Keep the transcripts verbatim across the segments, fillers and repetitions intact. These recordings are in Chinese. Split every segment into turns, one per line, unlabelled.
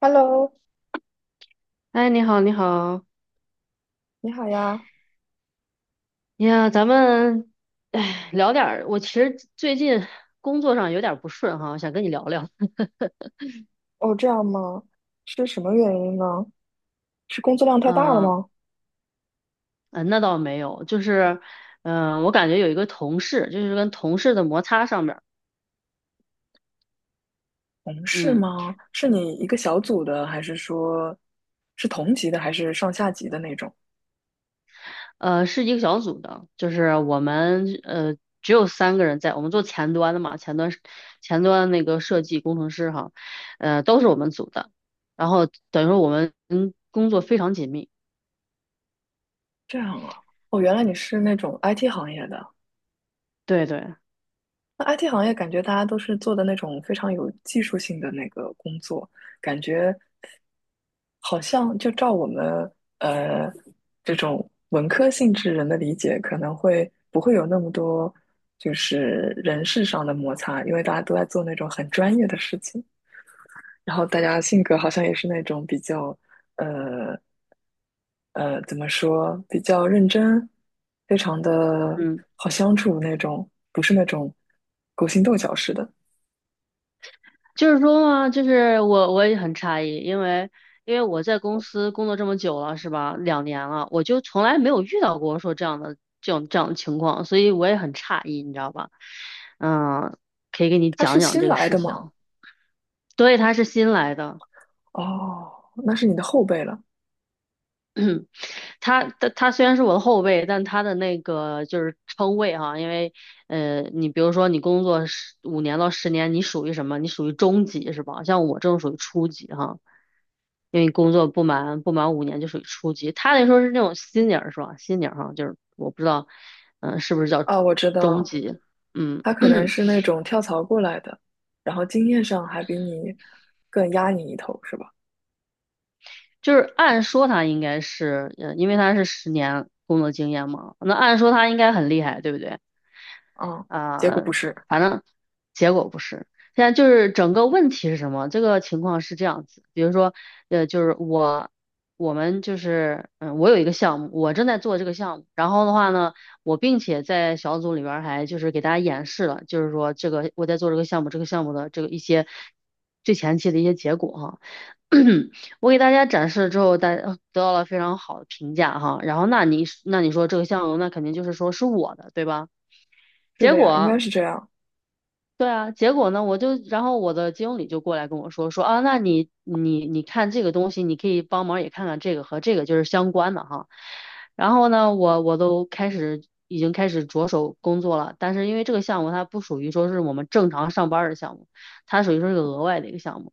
Hello，
哎，你好，你好，
你好呀。
哎呀，咱们，哎，聊点儿。我其实最近工作上有点儿不顺哈，想跟你聊聊。
哦，这样吗？是什么原因呢？是工作量太大了
嗯、
吗？
呃，那倒没有，就是，嗯、我感觉有一个同事，就是跟同事的摩擦上面儿。
同事
嗯，
吗？是你一个小组的，还是说是同级的，还是上下级的那种？
呃，是一个小组的，就是我们呃只有三个人在，我们做前端的嘛，前端是前端那个设计工程师哈，呃，都是我们组的，然后等于说我们嗯工作非常紧密，
这样啊。哦，原来你是那种 I T 行业的。
对对，
那 I T 行业感觉大家都是做的那种非常有技术性的那个工作，感觉好像就照我们呃这种文科性质人的理解，可能会不会有那么多就是人事上的摩擦，因为大家都在做那种很专业的事情，然后大家性格好像也是那种比较呃怎么说比较认真，非常的
嗯。
好相处那种，不是那种勾心斗角式的。
就是说嘛，就是我我也很诧异，因为因为我在公司工作这么久了，是吧？两年了，我就从来没有遇到过说这样的这种这样的情况，所以我也很诧异，你知道吧？嗯，可以给你
他
讲
是
讲
新
这个
来
事
的嘛？
情。对，他是新来的。
哦，那是你的后辈了。
他他他虽然是我的后辈，但他的那个就是称谓哈，因为呃，你比如说你工作十五年到十年，你属于什么？你属于中级是吧？像我这种属于初级哈，因为工作不满不满五年就属于初级。他那时候是那种新 e n 是吧，新 e n 哈，就是我不知道，嗯、是不是叫
啊，我知
中
道，
级？嗯，
他 可能是那种跳槽过来的，然后经验上还比你更压你一头，是吧？
就是按说他应该是，呃，因为他是十年工作经验嘛，那按说他应该很厉害，对不对？
嗯，结果
啊、
不是，
反正结果不是。现在就是整个问题是什么？这个情况是这样子，比如说，呃，就是我，我们就是，嗯，我有一个项目，我正在做这个项目，然后的话呢，我并且在小组里边儿还就是给大家演示了，就是说这个我在做这个项目，这个项目的这个一些最前期的一些结果哈。我给大家展示了之后，大家呃得到了非常好的评价哈。然后那你那你说这个项目，那肯定就是说是我的，对吧？
是
结
的呀，应该
果。
是这样。
对啊，结果呢，我就，然后我的经理就过来跟我说，说啊，那你你你看这个东西，你可以帮忙也看看这个和这个就是相关的哈。然后呢，我我都开始，已经开始着手工作了，但是因为这个项目它不属于说是我们正常上班儿的项目，它属于说是个额外的一个项目。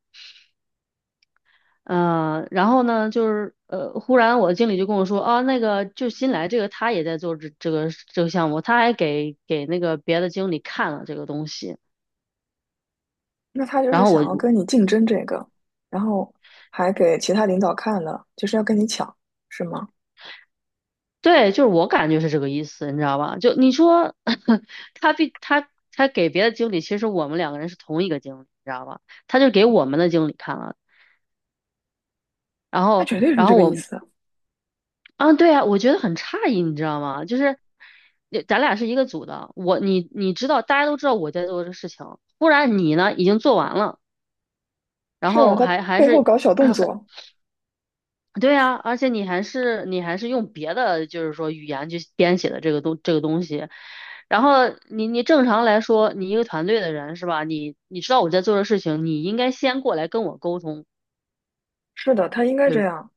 嗯、呃然后呢，就是呃，忽然我的经理就跟我说，啊，那个就新来这个他也在做这这个这个项目，他还给给那个别的经理看了这个东西。
那他就是想要跟你竞争这个，然后还给其他领导看了，就是要跟你抢，是吗？
对，就是我感觉是这个意思，你知道吧？就你说 他比他他给别的经理，其实我们两个人是同一个经理，你知道吧？他就给我们的经理看了，然
他
后
绝对是
然
这
后
个
我
意思。
啊，对啊，我觉得很诧异，你知道吗？就是呃咱俩是一个组的，我你你知道，大家都知道我在做这个事情，忽然你呢已经做完了，然
是啊，
后
他
还还
背后
是。
搞小动作。
对呀，而且你还是你还是用别的，就是说语言去编写的这个东这个东西，然后你你正常来说，你一个团队的人是吧？你你知道我在做的事情，你应该先过来跟我沟通，
是的，他应该这
对，
样。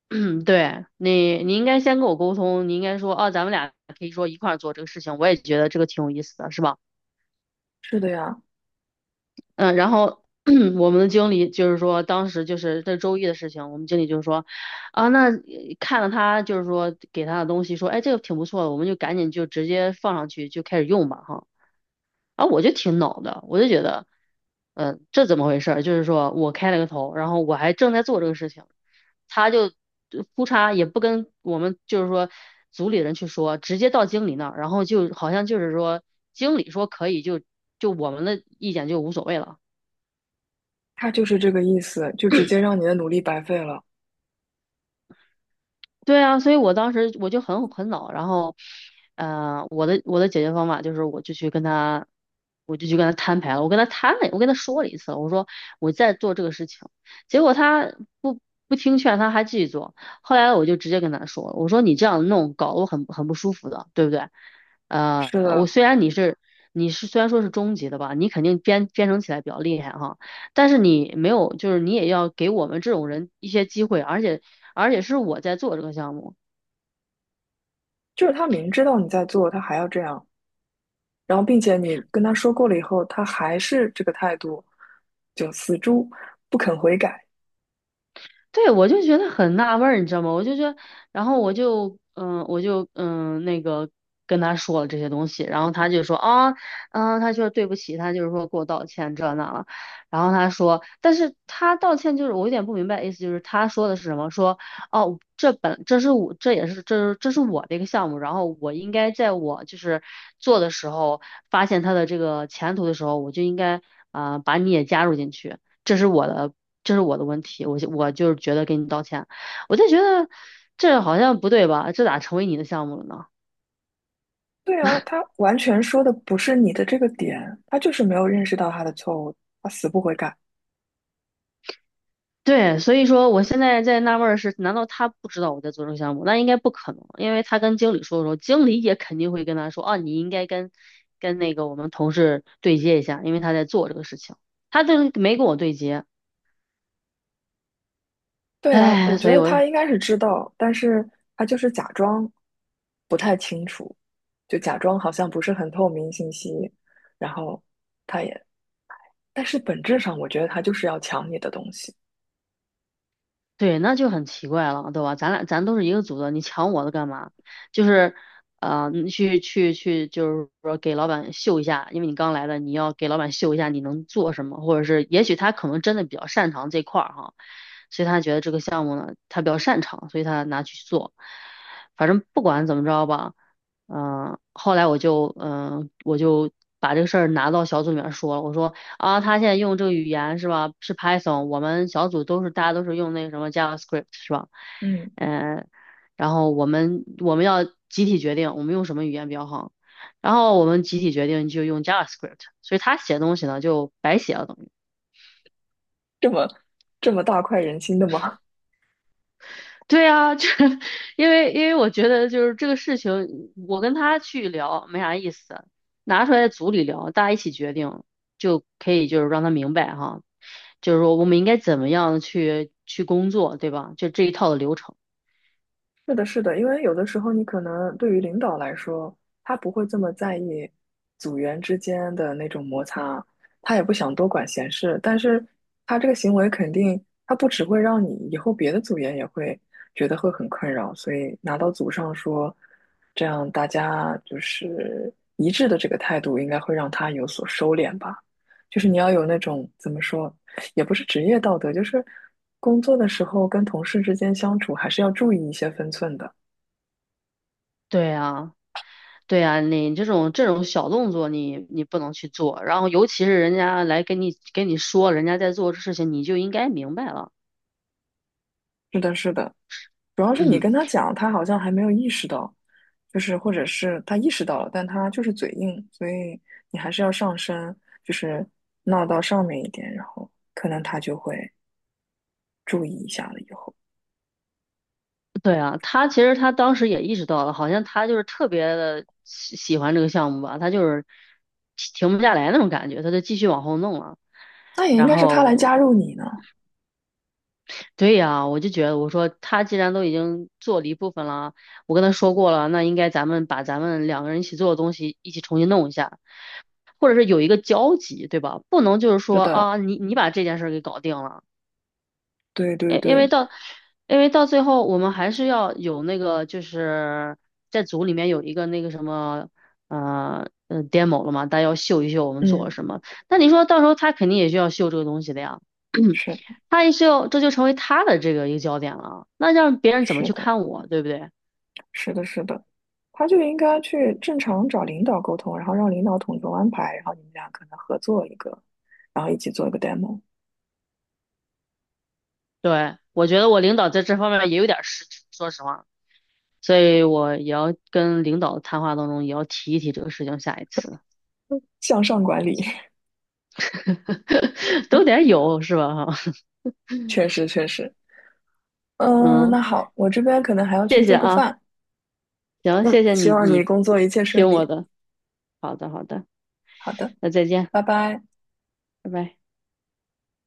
对你你应该先跟我沟通，你应该说啊，咱们俩可以说一块儿做这个事情，我也觉得这个挺有意思的，是吧？
是的呀，
嗯，呃然后 我们的经理就是说，当时就是这周一的事情，我们经理就是说，啊，那呃看了他就是说给他的东西，说，哎，这个挺不错的，我们就赶紧就直接放上去就开始用吧，哈。啊，我就挺恼的，我就觉得，嗯，这怎么回事儿？就是说我开了个头，然后我还正在做这个事情，他就呃呼嚓也不跟我们就是说组里人去说，直接到经理那儿，然后就好像就是说经理说可以就就我们的意见就无所谓了。
他就是这个意思，就直接让你的努力白费了。
对啊，所以我当时我就很很恼，然后，呃，我的我的解决方法就是，我就去跟他，我就去跟他摊牌了，我跟他摊了，我跟他说了一次，我说我在做这个事情，结果他不不听劝，他还继续做，后来我就直接跟他说了，我说你这样弄搞得我很很不舒服的，对不对？呃，
是
我
的，
虽然你是你是虽然说是中级的吧，你肯定编编程起来比较厉害哈，但是你没有，就是你也要给我们这种人一些机会，而且。而且是我在做这个项目。
就是他明知道你在做，他还要这样。然后并且你跟他说过了以后，他还是这个态度，就死猪不肯悔改。
对，我就觉得很纳闷儿，你知道吗？我就觉得，然后我就，嗯、我就，嗯、那个跟他说了这些东西，然后他就说啊，嗯、他说对不起，他就是说给我道歉这那了，然后他说，但是他道歉就是我有点不明白，意思就是他说的是什么？说哦，这本这是我这也是这是这是我的一个项目，然后我应该在我就是做的时候发现他的这个前途的时候，我就应该啊、把你也加入进去。这是我的，这是我的问题，我就我就是觉得给你道歉，我就觉得这好像不对吧？这咋成为你的项目了呢？
对啊，他完全说的不是你的这个点，他就是没有认识到他的错误，他死不悔改。
对，所以说我现在在纳闷儿是，难道他不知道我在做这个项目？那应该不可能，因为他跟经理说的时候，经理也肯定会跟他说，啊，你应该跟跟那个我们同事对接一下，因为他在做这个事情，他就是没跟我对接，
对啊，我
哎，
觉
所以
得
我
他应该是知道，但是他就是假装不太清楚，就假装好像不是很透明信息，然后他也，但是本质上我觉得他就是要抢你的东西。
对，那就很奇怪了，对吧？咱俩咱都是一个组的，你抢我的干嘛？就是，呃，你去去去，就是说给老板秀一下，因为你刚来的，你要给老板秀一下你能做什么，或者是也许他可能真的比较擅长这块儿哈，所以他觉得这个项目呢，他比较擅长，所以他拿去做。反正不管怎么着吧，嗯、后来我就嗯、呃我就把这个事儿拿到小组里面说了，我说。啊，他现在用这个语言是吧？是 P y t h o n,我们小组都是大家都是用那个什么 JavaScript 是吧？
嗯，
嗯、然后我们我们要集体决定我们用什么语言比较好，然后我们集体决定就用 JavaScript,所以他写东西呢就白写了等于。
这么这么大快人心的吗？
对啊，这 因为因为我觉得就是这个事情，我跟他去聊没啥意思，拿出来组里聊，大家一起决定就可以，就是让他明白哈，就是说我们应该怎么样去去工作，对吧？就这一套的流程。
是的，是的，因为有的时候你可能对于领导来说，他不会这么在意组员之间的那种摩擦，他也不想多管闲事，但是他这个行为肯定，他不只会让你以后别的组员也会觉得会很困扰，所以拿到组上说，这样大家就是一致的这个态度，应该会让他有所收敛吧。就是你要有那种怎么说，也不是职业道德，就是工作的时候跟同事之间相处还是要注意一些分寸的。
对啊，对啊，你这种这种小动作你，你不能去做，然后尤其是人家来跟你跟你说人家在做这事情，你就应该明白了。
是的，是的，主要是你跟 他讲，他好像还没有意识到，就是或者是他意识到了，但他就是嘴硬，所以你还是要上升，就是闹到上面一点，然后可能他就会注意一下了。以后
对啊，他其实他当时也意识到了，好像他就是特别的喜喜欢这个项目吧，他就是停停不下来那种感觉，他就继续往后弄了。
那也应
然
该是他来
后，
加入你呢。
对呀，我就觉得我说他既然都已经做了一部分了，我跟他说过了，那应该咱们把咱们两个人一起做的东西一起重新弄一下，或者是有一个交集，对吧？不能就是
是
说
的，
啊，你你把这件事儿给搞定了。
对对
因因为
对，
到，因为到最后我们还是要有那个，就是在组里面有一个那个什么，呃呃，demo 了嘛，大家要秀一秀我们做了
嗯，
什么。那你说到时候他肯定也需要秀这个东西的呀，
是的，
他也是要，这就成为他的这个一个焦点了。那让别人怎么
是
去
的。
看我，对不对？
是的，是的，他就应该去正常找领导沟通，然后让领导统筹安排，然后你们俩可能合作一个，然后一起做一个 demo，
对，我觉得我领导在这方面也有点失职，说实话，所以我也要跟领导谈话当中也要提一提这个事情，下一次
向上管理，
都得有是吧？哈，
确实确实。嗯，
嗯。
那好，我这边可能还要去
谢
做
谢
个
啊，
饭。
行，
嗯，
谢谢
希
你，
望你
你
工作一切顺
听我
利。
的，好的，好的，
好的，
那再见，
拜拜。
拜拜。